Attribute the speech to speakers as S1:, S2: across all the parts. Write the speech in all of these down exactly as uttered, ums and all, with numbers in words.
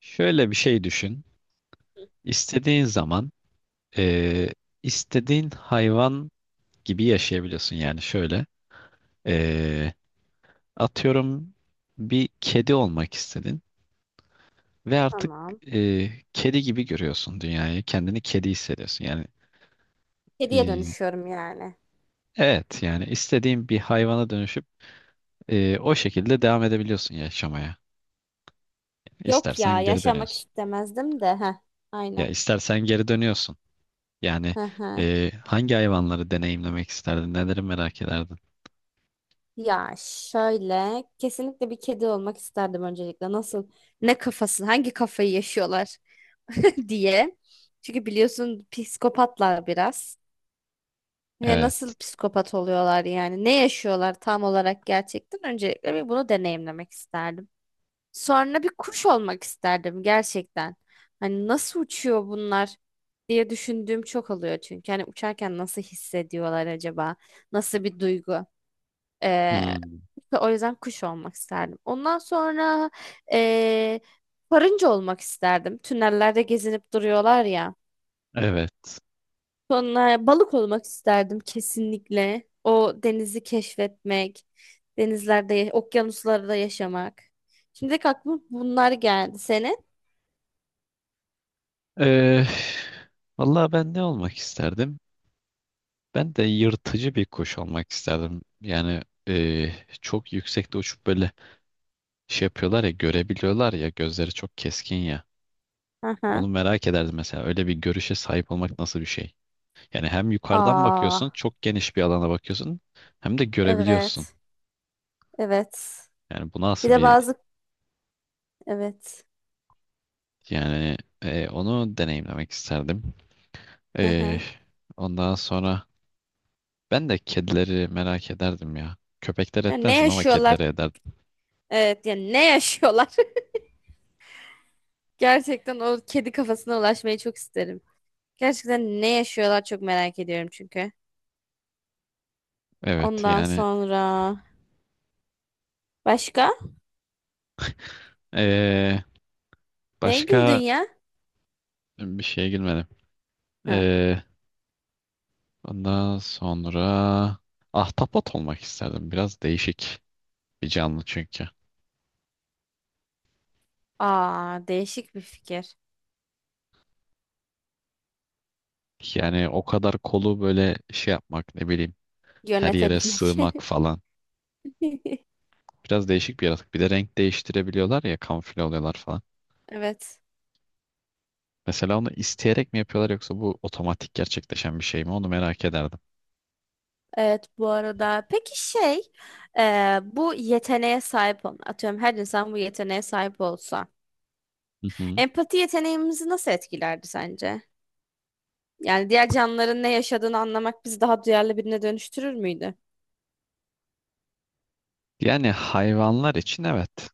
S1: Şöyle bir şey düşün. İstediğin zaman eee, istediğin hayvan gibi yaşayabiliyorsun. Yani şöyle eee, atıyorum bir kedi olmak istedin ve artık
S2: Tamam.
S1: eee, kedi gibi görüyorsun dünyayı. Kendini kedi hissediyorsun. Yani
S2: Kediye
S1: eee,
S2: dönüşüyorum yani.
S1: evet yani istediğin bir hayvana dönüşüp eee, o şekilde devam edebiliyorsun yaşamaya.
S2: Yok ya
S1: İstersen geri
S2: yaşamak
S1: dönüyorsun.
S2: istemezdim de. Heh,
S1: Ya
S2: aynen.
S1: istersen geri dönüyorsun. Yani
S2: Hı hı.
S1: eee, hangi hayvanları deneyimlemek isterdin? Neleri merak ederdin?
S2: Ya şöyle kesinlikle bir kedi olmak isterdim öncelikle. Nasıl ne kafası hangi kafayı yaşıyorlar diye. Çünkü biliyorsun psikopatlar biraz. Ve
S1: Evet.
S2: nasıl psikopat oluyorlar yani? Ne yaşıyorlar tam olarak gerçekten? Öncelikle bir bunu deneyimlemek isterdim. Sonra bir kuş olmak isterdim gerçekten. Hani nasıl uçuyor bunlar diye düşündüğüm çok oluyor çünkü. Hani uçarken nasıl hissediyorlar acaba? Nasıl bir duygu? Ee,
S1: Hmm,
S2: O yüzden kuş olmak isterdim. Ondan sonra ee, karınca olmak isterdim. Tünellerde gezinip duruyorlar ya.
S1: evet.
S2: Sonra balık olmak isterdim kesinlikle. O denizi keşfetmek, denizlerde, okyanuslarda yaşamak. Şimdi aklıma bunlar geldi. Senin?
S1: Ee, vallahi ben ne olmak isterdim? Ben de yırtıcı bir kuş olmak isterdim. Yani ee, çok yüksekte uçup böyle şey yapıyorlar ya görebiliyorlar ya gözleri çok keskin ya.
S2: Aha.
S1: Onu merak ederdim mesela. Öyle bir görüşe sahip olmak nasıl bir şey? Yani hem yukarıdan
S2: Aa,
S1: bakıyorsun, çok geniş bir alana bakıyorsun, hem de görebiliyorsun.
S2: evet. Evet.
S1: Yani bu
S2: Bir
S1: nasıl
S2: de
S1: bir
S2: bazı, evet.
S1: yani ee, onu deneyimlemek isterdim.
S2: Hı
S1: Ee,
S2: hı.
S1: ondan sonra. Ben de kedileri merak ederdim ya. Köpekler
S2: Ya ne
S1: etmezdim ama
S2: yaşıyorlar?
S1: kedileri ederdim.
S2: Evet, yani ne yaşıyorlar? Gerçekten o kedi kafasına ulaşmayı çok isterim. Gerçekten ne yaşıyorlar çok merak ediyorum çünkü.
S1: Evet
S2: Ondan
S1: yani
S2: sonra başka?
S1: eee,
S2: Neye güldün
S1: başka
S2: ya?
S1: bir şeye girmedim.
S2: Ha.
S1: Eee, ondan sonra ahtapot olmak isterdim. Biraz değişik bir canlı çünkü.
S2: Aa, değişik bir fikir.
S1: Yani o kadar kolu böyle şey yapmak ne bileyim her yere
S2: Yönetebilmek.
S1: sığmak falan. Biraz değişik bir yaratık. Bir de renk değiştirebiliyorlar ya kamufle oluyorlar falan.
S2: Evet.
S1: Mesela onu isteyerek mi yapıyorlar yoksa bu otomatik gerçekleşen bir şey mi onu merak ederdim.
S2: Evet bu arada peki şey, e, bu yeteneğe sahip olan atıyorum her insan bu yeteneğe sahip olsa
S1: Hı hı.
S2: empati yeteneğimizi nasıl etkilerdi sence? Yani diğer canlıların ne yaşadığını anlamak bizi daha duyarlı birine dönüştürür müydü?
S1: Yani hayvanlar için evet.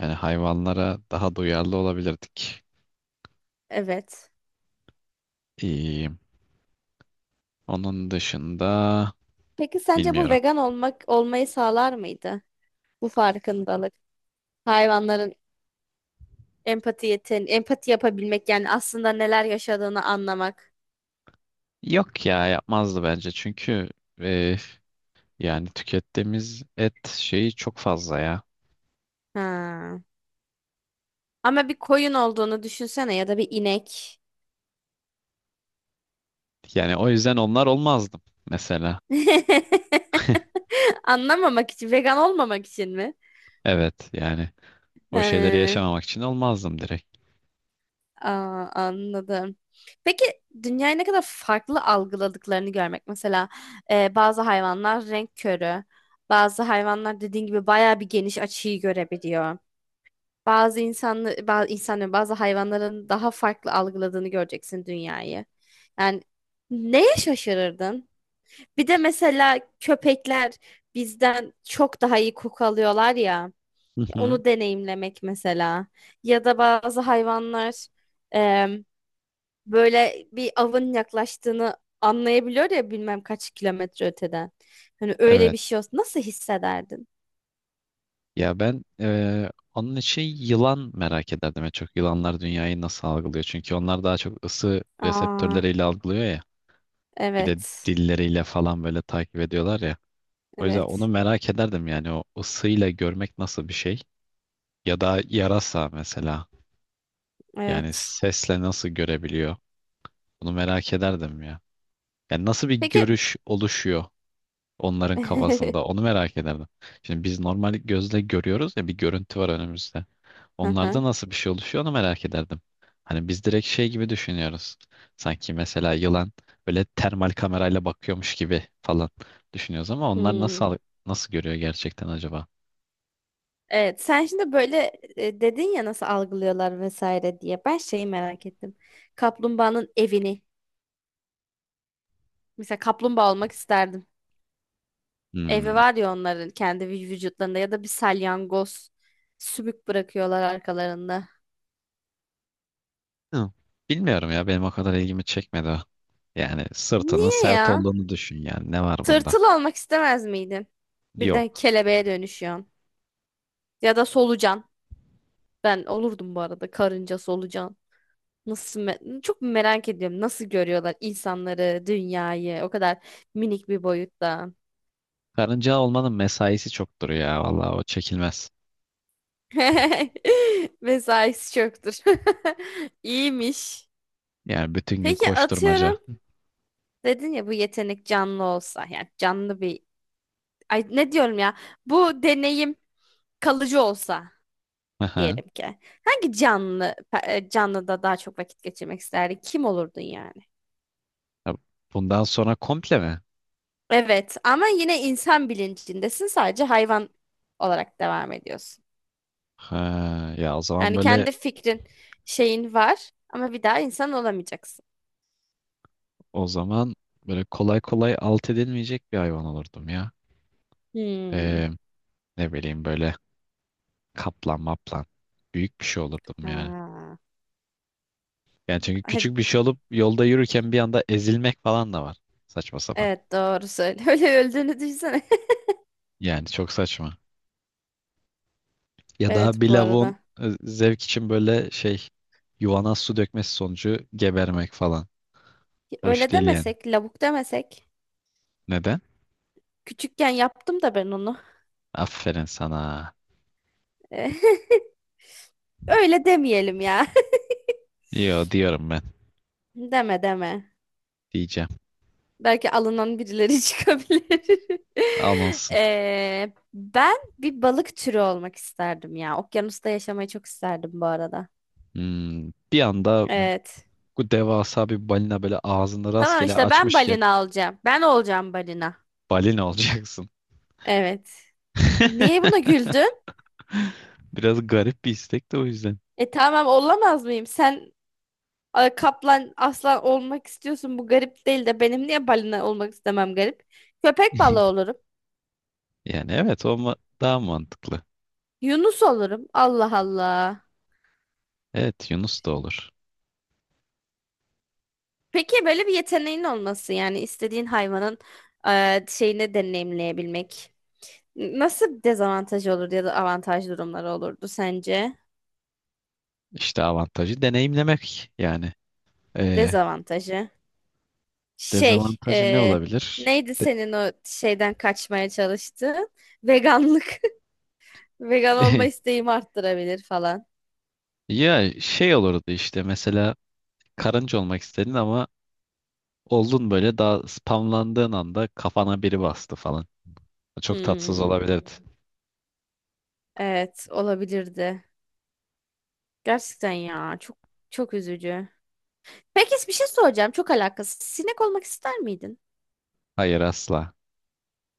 S1: Yani hayvanlara daha duyarlı olabilirdik.
S2: Evet.
S1: İyi. Onun dışında
S2: Peki sence bu
S1: bilmiyorum.
S2: vegan olmak olmayı sağlar mıydı? Bu farkındalık. Hayvanların empati yeten empati yapabilmek yani aslında neler yaşadığını anlamak.
S1: Yok ya yapmazdı bence çünkü e, yani tükettiğimiz et şeyi çok fazla ya.
S2: Ha. Ama bir koyun olduğunu düşünsene ya da bir inek.
S1: Yani o yüzden onlar olmazdım mesela.
S2: Anlamamak için, vegan olmamak için mi?
S1: Evet yani o şeyleri
S2: He.
S1: yaşamamak için olmazdım direkt.
S2: Aa, anladım. Peki dünyayı ne kadar farklı algıladıklarını görmek. Mesela e, bazı hayvanlar renk körü. Bazı hayvanlar dediğin gibi bayağı bir geniş açıyı görebiliyor. Bazı insanlı, bazı insanların, bazı hayvanların daha farklı algıladığını göreceksin dünyayı. Yani neye şaşırırdın? Bir de mesela köpekler bizden çok daha iyi koku alıyorlar ya.
S1: Hı hı.
S2: Onu deneyimlemek mesela. Ya da bazı hayvanlar böyle bir avın yaklaştığını anlayabiliyor ya bilmem kaç kilometre öteden. Hani öyle
S1: Evet.
S2: bir şey olsa nasıl hissederdin?
S1: Ya ben eee, onun için yılan merak ederdim. En çok yılanlar dünyayı nasıl algılıyor? Çünkü onlar daha çok ısı
S2: Aa,
S1: reseptörleriyle algılıyor ya. Bir de
S2: evet.
S1: dilleriyle falan böyle takip ediyorlar ya. O yüzden onu
S2: Evet.
S1: merak ederdim yani o ısıyla görmek nasıl bir şey? Ya da yarasa mesela. Yani
S2: Evet.
S1: sesle nasıl görebiliyor? Bunu merak ederdim ya. Yani nasıl bir
S2: Peki.
S1: görüş oluşuyor? Onların kafasında. Onu merak ederdim. Şimdi biz normal gözle görüyoruz ya bir görüntü var önümüzde.
S2: Hı hı.
S1: Onlarda nasıl bir şey oluşuyor onu merak ederdim. Hani biz direkt şey gibi düşünüyoruz. Sanki mesela yılan böyle termal kamerayla bakıyormuş gibi falan düşünüyoruz ama onlar
S2: Hmm.
S1: nasıl nasıl görüyor gerçekten acaba?
S2: Evet, sen şimdi böyle, e, dedin ya nasıl algılıyorlar vesaire diye. Ben şeyi merak ettim. Kaplumbağanın evini. Mesela kaplumbağa olmak isterdim. Evi
S1: Hmm.
S2: var ya onların kendi vü- vücutlarında ya da bir salyangoz sümük bırakıyorlar arkalarında.
S1: Hı. Bilmiyorum ya benim o kadar ilgimi çekmedi o. Yani sırtının
S2: Niye
S1: sert
S2: ya?
S1: olduğunu düşün yani ne var bunda?
S2: Tırtıl olmak istemez miydin? Birden
S1: Yok.
S2: kelebeğe dönüşüyorsun. Ya da solucan. Ben olurdum bu arada karınca solucan. Nasıl me- çok merak ediyorum. Nasıl görüyorlar insanları, dünyayı o kadar minik bir boyutta.
S1: Karınca olmanın mesaisi çoktur ya vallahi o çekilmez.
S2: Mesaisi çoktur. İyiymiş.
S1: Yani bütün gün
S2: Peki
S1: koşturmaca.
S2: atıyorum. Dedin ya bu yetenek canlı olsa yani canlı bir, ay ne diyorum ya, bu deneyim kalıcı olsa
S1: Aha.
S2: diyelim ki. Hangi canlı pe- e, Canlıda daha çok vakit geçirmek isterdin? Kim olurdun yani?
S1: Ya, bundan sonra komple mi?
S2: Evet ama yine insan bilincindesin sadece hayvan olarak devam ediyorsun.
S1: Ha, ya o zaman
S2: Yani
S1: böyle
S2: kendi fikrin, şeyin var ama bir daha insan olamayacaksın.
S1: o zaman böyle kolay kolay alt edilmeyecek bir hayvan olurdum ya.
S2: Hmm.
S1: Ee, ne bileyim böyle kaplan maplan. Büyük bir şey olurdum yani.
S2: Ha.
S1: Yani çünkü
S2: He-
S1: küçük bir şey olup yolda yürürken bir anda ezilmek falan da var. Saçma sapan.
S2: Evet doğru söyle. Öyle öldüğünü düşünsene.
S1: Yani çok saçma. Ya da
S2: Evet
S1: bir
S2: bu
S1: lavuğun
S2: arada.
S1: e, zevk için böyle şey yuvana su dökmesi sonucu gebermek falan. Hoş
S2: Öyle
S1: değil yani.
S2: demesek, lavuk demesek.
S1: Neden?
S2: Küçükken yaptım da ben onu.
S1: Aferin sana.
S2: Öyle demeyelim ya.
S1: Yo diyorum ben.
S2: Deme deme.
S1: Diyeceğim.
S2: Belki alınan birileri çıkabilir.
S1: Alınsın.
S2: Ee, ben bir balık türü olmak isterdim ya. Okyanusta yaşamayı çok isterdim bu arada.
S1: Hmm, bir anda
S2: Evet.
S1: bu devasa bir balina böyle ağzını
S2: Tamam
S1: rastgele
S2: işte ben
S1: açmışken
S2: balina olacağım. Ben olacağım balina.
S1: balina olacaksın.
S2: Evet. Niye buna güldün?
S1: Biraz garip bir istek de o yüzden.
S2: E tamam olamaz mıyım? Sen, a, kaplan, aslan olmak istiyorsun. Bu garip değil de benim niye balina olmak istemem garip? Köpek balığı olurum.
S1: Yani evet o ma- daha mantıklı.
S2: Yunus olurum. Allah Allah.
S1: Evet Yunus da olur.
S2: Peki böyle bir yeteneğin olması yani istediğin hayvanın, eee, şeyini deneyimleyebilmek. Nasıl bir dezavantajı olurdu ya da avantaj durumları olurdu sence?
S1: İşte avantajı deneyimlemek yani. Ee,
S2: Dezavantajı. Şey,
S1: dezavantajı ne
S2: eee,
S1: olabilir?
S2: Neydi
S1: De-
S2: senin o şeyden kaçmaya çalıştığın? Veganlık. Vegan olma isteğimi arttırabilir falan.
S1: ya şey olurdu işte mesela karınca olmak istedin ama oldun böyle daha spamlandığın anda kafana biri bastı falan. Çok tatsız
S2: Hmm,
S1: olabilirdi. Hmm.
S2: evet, olabilirdi. Gerçekten ya, çok çok üzücü. Peki bir şey soracağım, çok alakasız. Sinek olmak ister miydin?
S1: Hayır asla.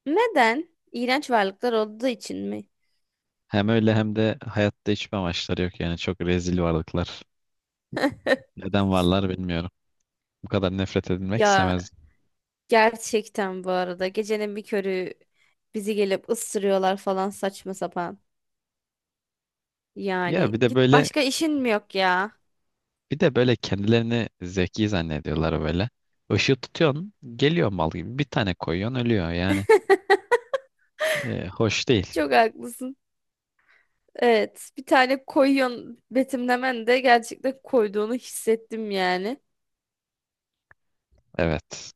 S2: Neden? İğrenç varlıklar olduğu için mi?
S1: Hem öyle hem de hayatta hiçbir amaçları yok yani çok rezil varlıklar. Neden varlar bilmiyorum. Bu kadar nefret edilmek
S2: Ya
S1: istemezdim.
S2: gerçekten bu arada gecenin bir körü bizi gelip ısırıyorlar falan saçma sapan.
S1: Ya
S2: Yani
S1: bir de
S2: git
S1: böyle
S2: başka işin mi yok ya?
S1: bir de böyle kendilerini zeki zannediyorlar böyle. Işığı tutuyorsun geliyor mal gibi bir tane koyuyorsun ölüyor yani. E, hoş değil.
S2: Çok haklısın. Evet, bir tane koyuyorsun, betimlemen de gerçekten koyduğunu hissettim yani.
S1: Evet.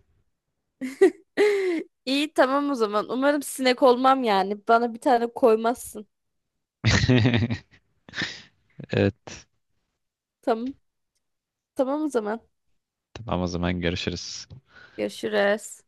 S2: İyi tamam o zaman. Umarım sinek olmam yani. Bana bir tane koymazsın.
S1: Evet.
S2: Tamam. Tamam o zaman.
S1: Tamam o zaman görüşürüz.
S2: Görüşürüz.